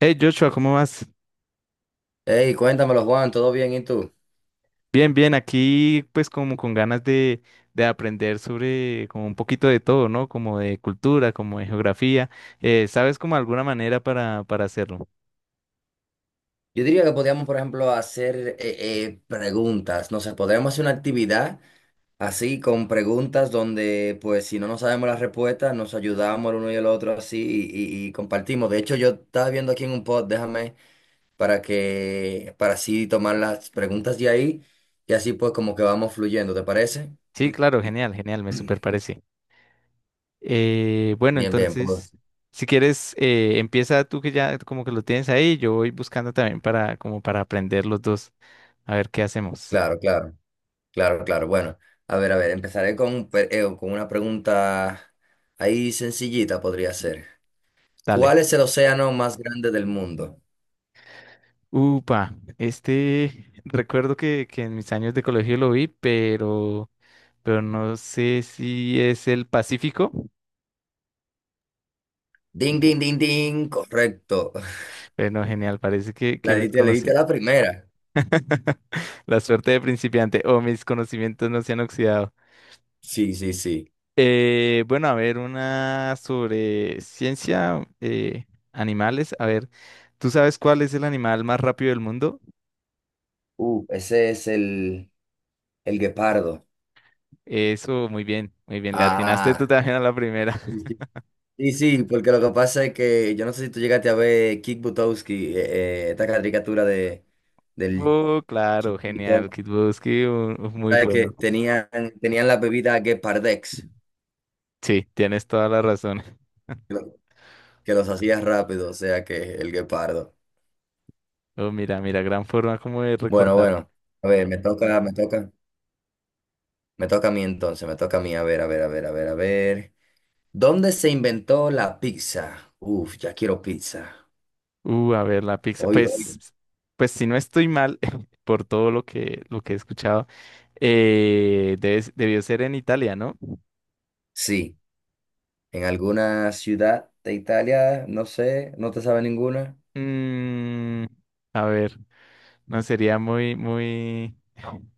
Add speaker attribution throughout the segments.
Speaker 1: Hey Joshua, ¿cómo vas?
Speaker 2: Hey, cuéntamelo, Juan, ¿todo bien? ¿Y tú?
Speaker 1: Bien, bien, aquí pues como con ganas de aprender sobre como un poquito de todo, ¿no? Como de cultura, como de geografía. ¿Sabes como alguna manera para hacerlo?
Speaker 2: Yo diría que podríamos, por ejemplo, hacer preguntas, no sé, podríamos hacer una actividad así con preguntas donde, pues, si no nos sabemos las respuestas, nos ayudamos el uno y el otro así y compartimos. De hecho, yo estaba viendo aquí en un pod, déjame, para así tomar las preguntas de ahí y así pues como que vamos fluyendo, ¿te parece?
Speaker 1: Sí, claro, genial, genial, me super parece. Bueno,
Speaker 2: Bien, bien, pues,
Speaker 1: entonces, si quieres, empieza tú que ya como que lo tienes ahí, yo voy buscando también para como para aprender los dos. A ver qué hacemos.
Speaker 2: claro, claro. Claro, claro. Bueno, a ver, empezaré con una pregunta ahí sencillita, podría ser.
Speaker 1: Dale.
Speaker 2: ¿Cuál es el océano más grande del mundo?
Speaker 1: Upa, este recuerdo que en mis años de colegio lo vi, pero no sé si es el Pacífico.
Speaker 2: Ding, ding, ding, ding. Correcto.
Speaker 1: Bueno, genial, parece que,
Speaker 2: La
Speaker 1: que mis
Speaker 2: diste, le diste
Speaker 1: conocí.
Speaker 2: a la primera.
Speaker 1: La suerte de principiante o mis conocimientos no se han oxidado.
Speaker 2: Sí, sí, sí.
Speaker 1: Bueno, a ver, una sobre ciencia, animales. A ver, ¿tú sabes cuál es el animal más rápido del mundo?
Speaker 2: Uh, ese es el, el guepardo.
Speaker 1: Eso, muy bien, muy bien. Le atinaste tú
Speaker 2: Ah.
Speaker 1: también a la primera.
Speaker 2: Sí, sí, sí, sí, porque lo que pasa es que yo no sé si tú llegaste a ver Kick Butowski, esta caricatura del
Speaker 1: Oh, claro, genial,
Speaker 2: chiquito,
Speaker 1: Kit Buski, muy
Speaker 2: ¿sabes?
Speaker 1: bueno.
Speaker 2: Tenían la bebida Gepardex.
Speaker 1: Sí, tienes toda la razón.
Speaker 2: lo- que los hacías rápido, o sea que el guepardo.
Speaker 1: Oh, mira, mira, gran forma como de
Speaker 2: Bueno,
Speaker 1: recordar.
Speaker 2: bueno, a ver, me toca a mí entonces, me toca a mí, a ver, a ver, a ver, a ver, a ver. ¿Dónde se inventó la pizza? Uf, ya quiero pizza.
Speaker 1: A ver, la pizza.
Speaker 2: Hoy, hoy,
Speaker 1: Pues si no estoy mal por todo lo que he escuchado, debió ser en Italia, ¿no?
Speaker 2: sí, en alguna ciudad de Italia, no sé, no te sabe ninguna.
Speaker 1: Mm, a ver, no sería muy, muy.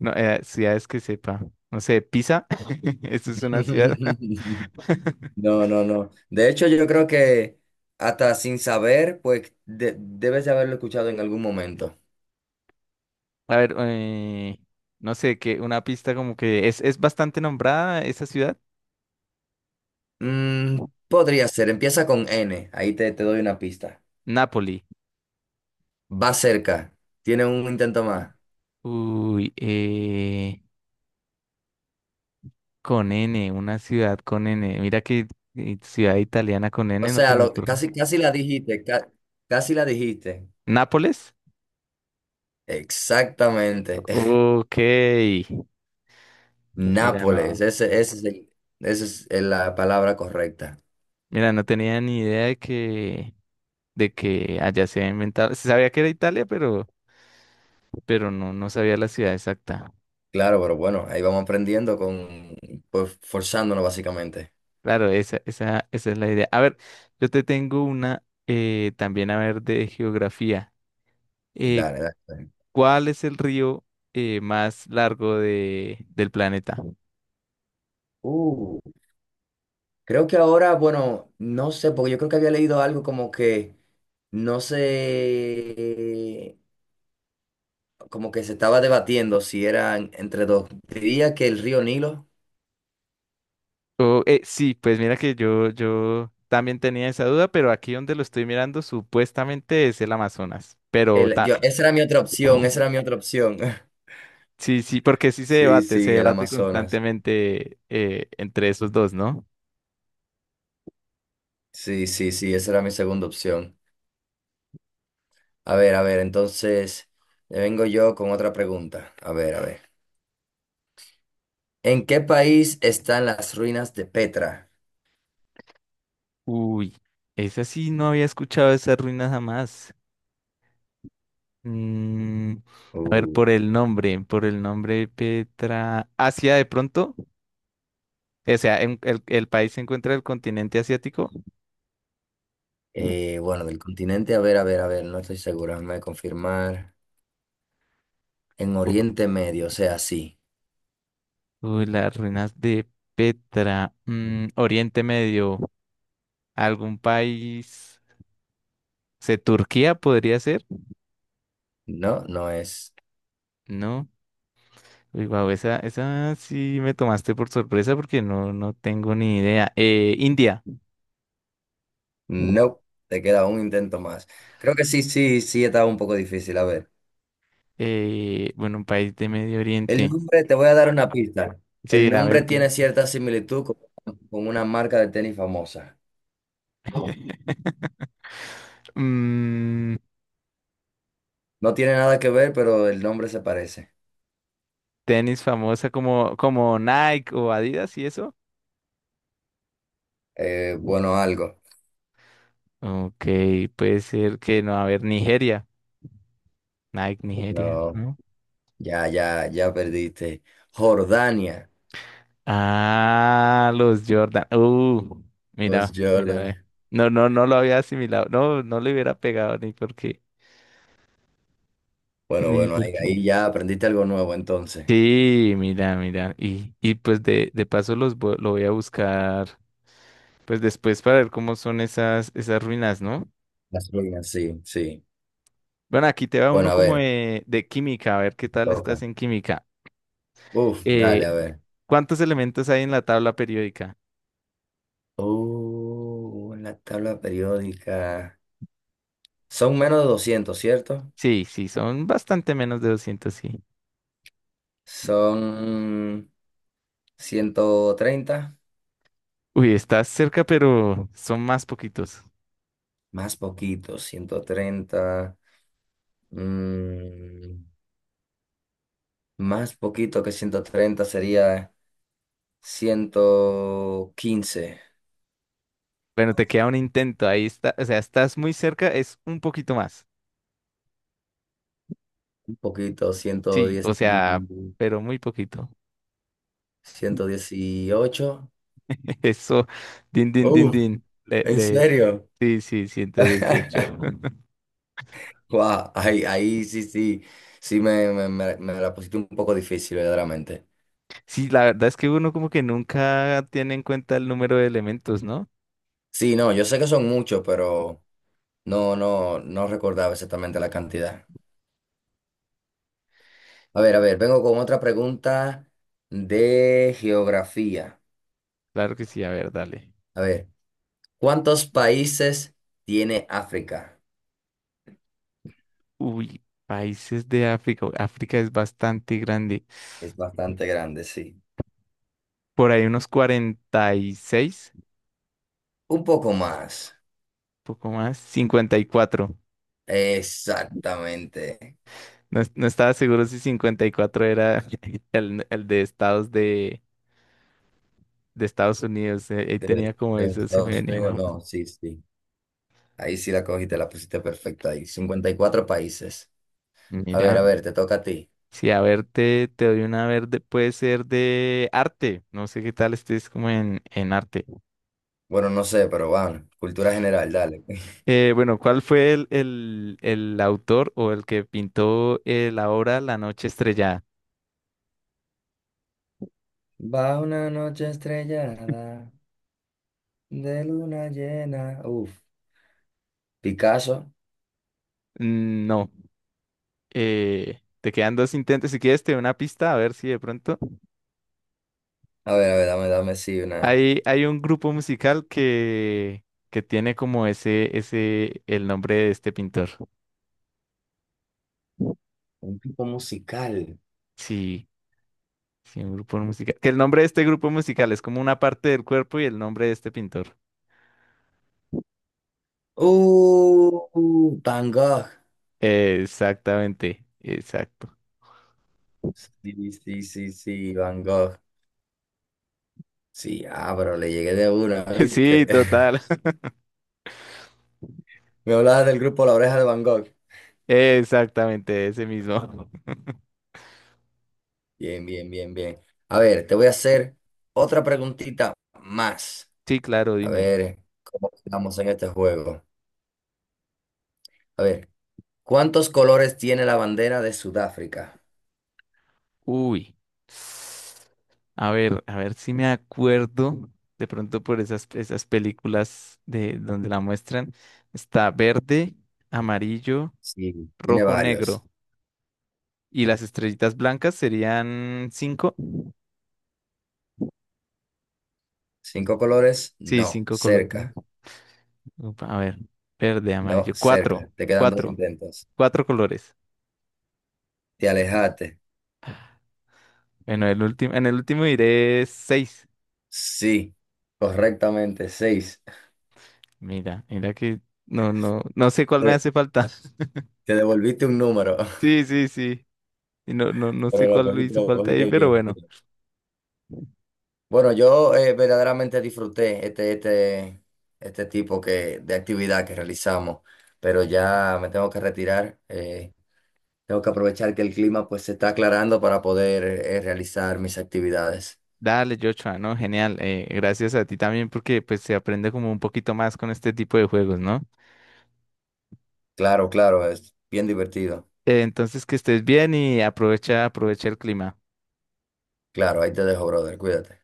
Speaker 1: No, ciudades que sepa. No sé, Pisa. Eso es una ciudad.
Speaker 2: No, no, no. De hecho, yo creo que hasta sin saber, pues debes de haberlo escuchado en algún momento.
Speaker 1: A ver, no sé, que una pista como que es bastante nombrada esa ciudad.
Speaker 2: Mm, podría ser, empieza con N, ahí te doy una pista.
Speaker 1: Nápoli.
Speaker 2: Va cerca, tiene un intento más.
Speaker 1: Uy. Con N, una ciudad con N. Mira que ciudad italiana con
Speaker 2: O
Speaker 1: N no se
Speaker 2: sea,
Speaker 1: me
Speaker 2: lo,
Speaker 1: ocurre.
Speaker 2: casi, casi la dijiste, casi la dijiste.
Speaker 1: ¿Nápoles?
Speaker 2: Exactamente.
Speaker 1: Ok. Mira,
Speaker 2: Nápoles,
Speaker 1: no.
Speaker 2: esa es la palabra correcta.
Speaker 1: Mira, no tenía ni idea de que allá se había inventado. Se sabía que era Italia, pero no, no sabía la ciudad exacta.
Speaker 2: Claro, pero bueno, ahí vamos aprendiendo con, pues forzándonos básicamente.
Speaker 1: Claro, esa es la idea. A ver, yo te tengo una también, a ver, de geografía. Eh,
Speaker 2: Dale, dale, dale.
Speaker 1: ¿Cuál es el río más largo del planeta?
Speaker 2: Uh, creo que ahora, bueno, no sé, porque yo creo que había leído algo como que no sé, como que se estaba debatiendo si eran entre dos. Diría que el río Nilo.
Speaker 1: Oh, sí, pues mira que yo también tenía esa duda, pero aquí donde lo estoy mirando supuestamente es el Amazonas.
Speaker 2: El, yo, esa era mi otra opción.
Speaker 1: Sí, sí, porque sí se
Speaker 2: Sí,
Speaker 1: debate, se
Speaker 2: sí, el
Speaker 1: debate
Speaker 2: Amazonas.
Speaker 1: constantemente entre esos dos, ¿no?
Speaker 2: Sí, sí, sí, esa era mi segunda opción. A ver, entonces le vengo yo con otra pregunta. A ver, a ver. ¿En qué país están las ruinas de Petra?
Speaker 1: Uy, esa sí no había escuchado esa ruina jamás. Mm, a ver,
Speaker 2: Uh,
Speaker 1: por el nombre Petra. ¿Asia de pronto? O sea, el país se encuentra en el continente asiático.
Speaker 2: bueno, del continente, a ver, a ver, a ver, no estoy seguro, déjame confirmar. En
Speaker 1: U-
Speaker 2: Oriente Medio, o sea, sí.
Speaker 1: Uy, las ruinas de Petra. Oriente Medio. ¿Algún país? ¿Se Turquía podría ser?
Speaker 2: No, no es.
Speaker 1: No. Uy, wow, esa sí me tomaste por sorpresa porque no, no tengo ni idea. India.
Speaker 2: No, te queda un intento más. Creo que sí, sí, sí, estaba un poco difícil. A ver,
Speaker 1: Bueno, un país de Medio
Speaker 2: el
Speaker 1: Oriente.
Speaker 2: nombre, te voy a dar una pista.
Speaker 1: Sí,
Speaker 2: El
Speaker 1: a
Speaker 2: nombre
Speaker 1: ver,
Speaker 2: tiene
Speaker 1: dime.
Speaker 2: cierta similitud con una marca de tenis famosa.
Speaker 1: Mm,
Speaker 2: No tiene nada que ver, pero el nombre se parece.
Speaker 1: tenis famosa como Nike o Adidas y eso.
Speaker 2: Bueno, algo.
Speaker 1: Ok, puede ser que no, a ver, Nigeria. Nike, Nigeria,
Speaker 2: No,
Speaker 1: ¿no?
Speaker 2: ya, ya, ya perdiste. Jordania.
Speaker 1: Ah, los Jordan.
Speaker 2: Pues
Speaker 1: Mira, mira, ve.
Speaker 2: Jordan.
Speaker 1: No, no, no lo había asimilado. No, no le hubiera pegado ni porque,
Speaker 2: Bueno,
Speaker 1: ni
Speaker 2: bueno, ahí,
Speaker 1: porque.
Speaker 2: ahí ya aprendiste algo nuevo entonces.
Speaker 1: Sí, mira, mira. Y pues de paso los lo voy a buscar, pues después para ver cómo son esas ruinas, ¿no?
Speaker 2: Las ruinas, sí, sí.
Speaker 1: Bueno, aquí te va
Speaker 2: Bueno,
Speaker 1: uno
Speaker 2: a
Speaker 1: como
Speaker 2: ver,
Speaker 1: de química, a ver qué
Speaker 2: te
Speaker 1: tal estás
Speaker 2: toca.
Speaker 1: en química.
Speaker 2: Uf,
Speaker 1: Eh,
Speaker 2: dale, a ver.
Speaker 1: ¿Cuántos elementos hay en la tabla periódica?
Speaker 2: Oh, en la tabla periódica. Son menos de 200, ¿cierto?
Speaker 1: Sí, sí, son bastante menos de 200. Sí.
Speaker 2: Son ciento treinta,
Speaker 1: Uy, estás cerca, pero son más poquitos.
Speaker 2: más poquito, 130. Mm, más poquito que 130 sería 115,
Speaker 1: Bueno, te queda un intento, ahí está, o sea, estás muy cerca, es un poquito más.
Speaker 2: un poquito, ciento
Speaker 1: Sí, o
Speaker 2: diez,
Speaker 1: sea, pero muy poquito.
Speaker 2: 118.
Speaker 1: Eso, din, din, din,
Speaker 2: Uh,
Speaker 1: din.
Speaker 2: ¿En serio?
Speaker 1: Sí, sí, 118.
Speaker 2: Guau, ahí, ahí sí, sí, sí me la pusiste un poco difícil, verdaderamente.
Speaker 1: Sí, la verdad es que uno como que nunca tiene en cuenta el número de elementos, ¿no?
Speaker 2: Sí, no, yo sé que son muchos, pero no, no, no recordaba exactamente la cantidad. A ver, vengo con otra pregunta de geografía.
Speaker 1: Claro que sí, a ver, dale.
Speaker 2: A ver, ¿cuántos países tiene África?
Speaker 1: Uy, países de África. Uy, África es bastante grande.
Speaker 2: Es bastante grande, sí.
Speaker 1: Por ahí unos 46,
Speaker 2: Un poco más.
Speaker 1: poco más, 54.
Speaker 2: Exactamente.
Speaker 1: No, no estaba seguro si 54 era el de estados de Estados Unidos. Ahí
Speaker 2: De,
Speaker 1: tenía como
Speaker 2: de los
Speaker 1: eso, se me
Speaker 2: Estados
Speaker 1: venía
Speaker 2: Unidos,
Speaker 1: más.
Speaker 2: no, sí, sí. Ahí sí la cogiste, la pusiste perfecta ahí. 54 países.
Speaker 1: Mira,
Speaker 2: A ver, te toca a ti.
Speaker 1: si a ver, te doy una verde, puede ser de arte. No sé qué tal estés como en arte.
Speaker 2: Bueno, no sé, pero van. Cultura general, dale.
Speaker 1: Bueno, ¿cuál fue el autor o el que pintó la obra La Noche Estrellada?
Speaker 2: Va una noche estrellada de luna llena. Uf. Picasso.
Speaker 1: Mm, no, te quedan dos intentos. Si quieres, te doy una pista, a ver si de pronto.
Speaker 2: A ver, dame, dame, sí, una.
Speaker 1: Hay un grupo musical que tiene como el nombre de este pintor.
Speaker 2: Un tipo musical.
Speaker 1: Sí, sí, un grupo musical. Que el nombre de este grupo musical es como una parte del cuerpo y el nombre de este pintor.
Speaker 2: Van Gogh.
Speaker 1: Exactamente, exacto.
Speaker 2: Sí, sí, sí, sí, Van Gogh. Sí, ah, pero le llegué de una,
Speaker 1: Sí,
Speaker 2: ¿viste?
Speaker 1: total.
Speaker 2: Me hablabas del grupo La Oreja de Van Gogh.
Speaker 1: Exactamente, ese mismo.
Speaker 2: Bien, bien, bien, bien. A ver, te voy a hacer otra preguntita más.
Speaker 1: Sí, claro,
Speaker 2: A
Speaker 1: dime.
Speaker 2: ver, ¿cómo estamos en este juego? A ver, ¿cuántos colores tiene la bandera de Sudáfrica?
Speaker 1: Uy. A ver si me acuerdo. De pronto por esas películas de donde la muestran. Está verde, amarillo,
Speaker 2: Sí, tiene
Speaker 1: rojo,
Speaker 2: varios.
Speaker 1: negro. Y las estrellitas blancas serían cinco.
Speaker 2: ¿Cinco colores?
Speaker 1: Sí,
Speaker 2: No,
Speaker 1: cinco colores, ¿no?
Speaker 2: cerca.
Speaker 1: Upa, a ver, verde,
Speaker 2: No,
Speaker 1: amarillo.
Speaker 2: cerca. Te quedan dos intentos.
Speaker 1: Cuatro colores.
Speaker 2: Te alejaste.
Speaker 1: Bueno, el último, en el último diré seis.
Speaker 2: Sí, correctamente, seis.
Speaker 1: Mira, mira que no, no, no sé cuál me
Speaker 2: Te,
Speaker 1: hace falta.
Speaker 2: te devolviste un número,
Speaker 1: Sí, sí, sí. Y no, no, no sé
Speaker 2: pero
Speaker 1: cuál le hizo
Speaker 2: lo
Speaker 1: falta ahí,
Speaker 2: cogiste
Speaker 1: pero
Speaker 2: bien, bien.
Speaker 1: bueno.
Speaker 2: Bueno, yo verdaderamente disfruté este tipo que, de actividad que realizamos, pero ya me tengo que retirar. Tengo que aprovechar que el clima pues se está aclarando para poder realizar mis actividades.
Speaker 1: Dale, Joshua, ¿no? Genial. Gracias a ti también porque pues se aprende como un poquito más con este tipo de juegos, ¿no?
Speaker 2: Claro, claro, es bien divertido.
Speaker 1: Entonces que estés bien y aprovecha, aprovecha el clima.
Speaker 2: Claro, ahí te dejo, brother. Cuídate.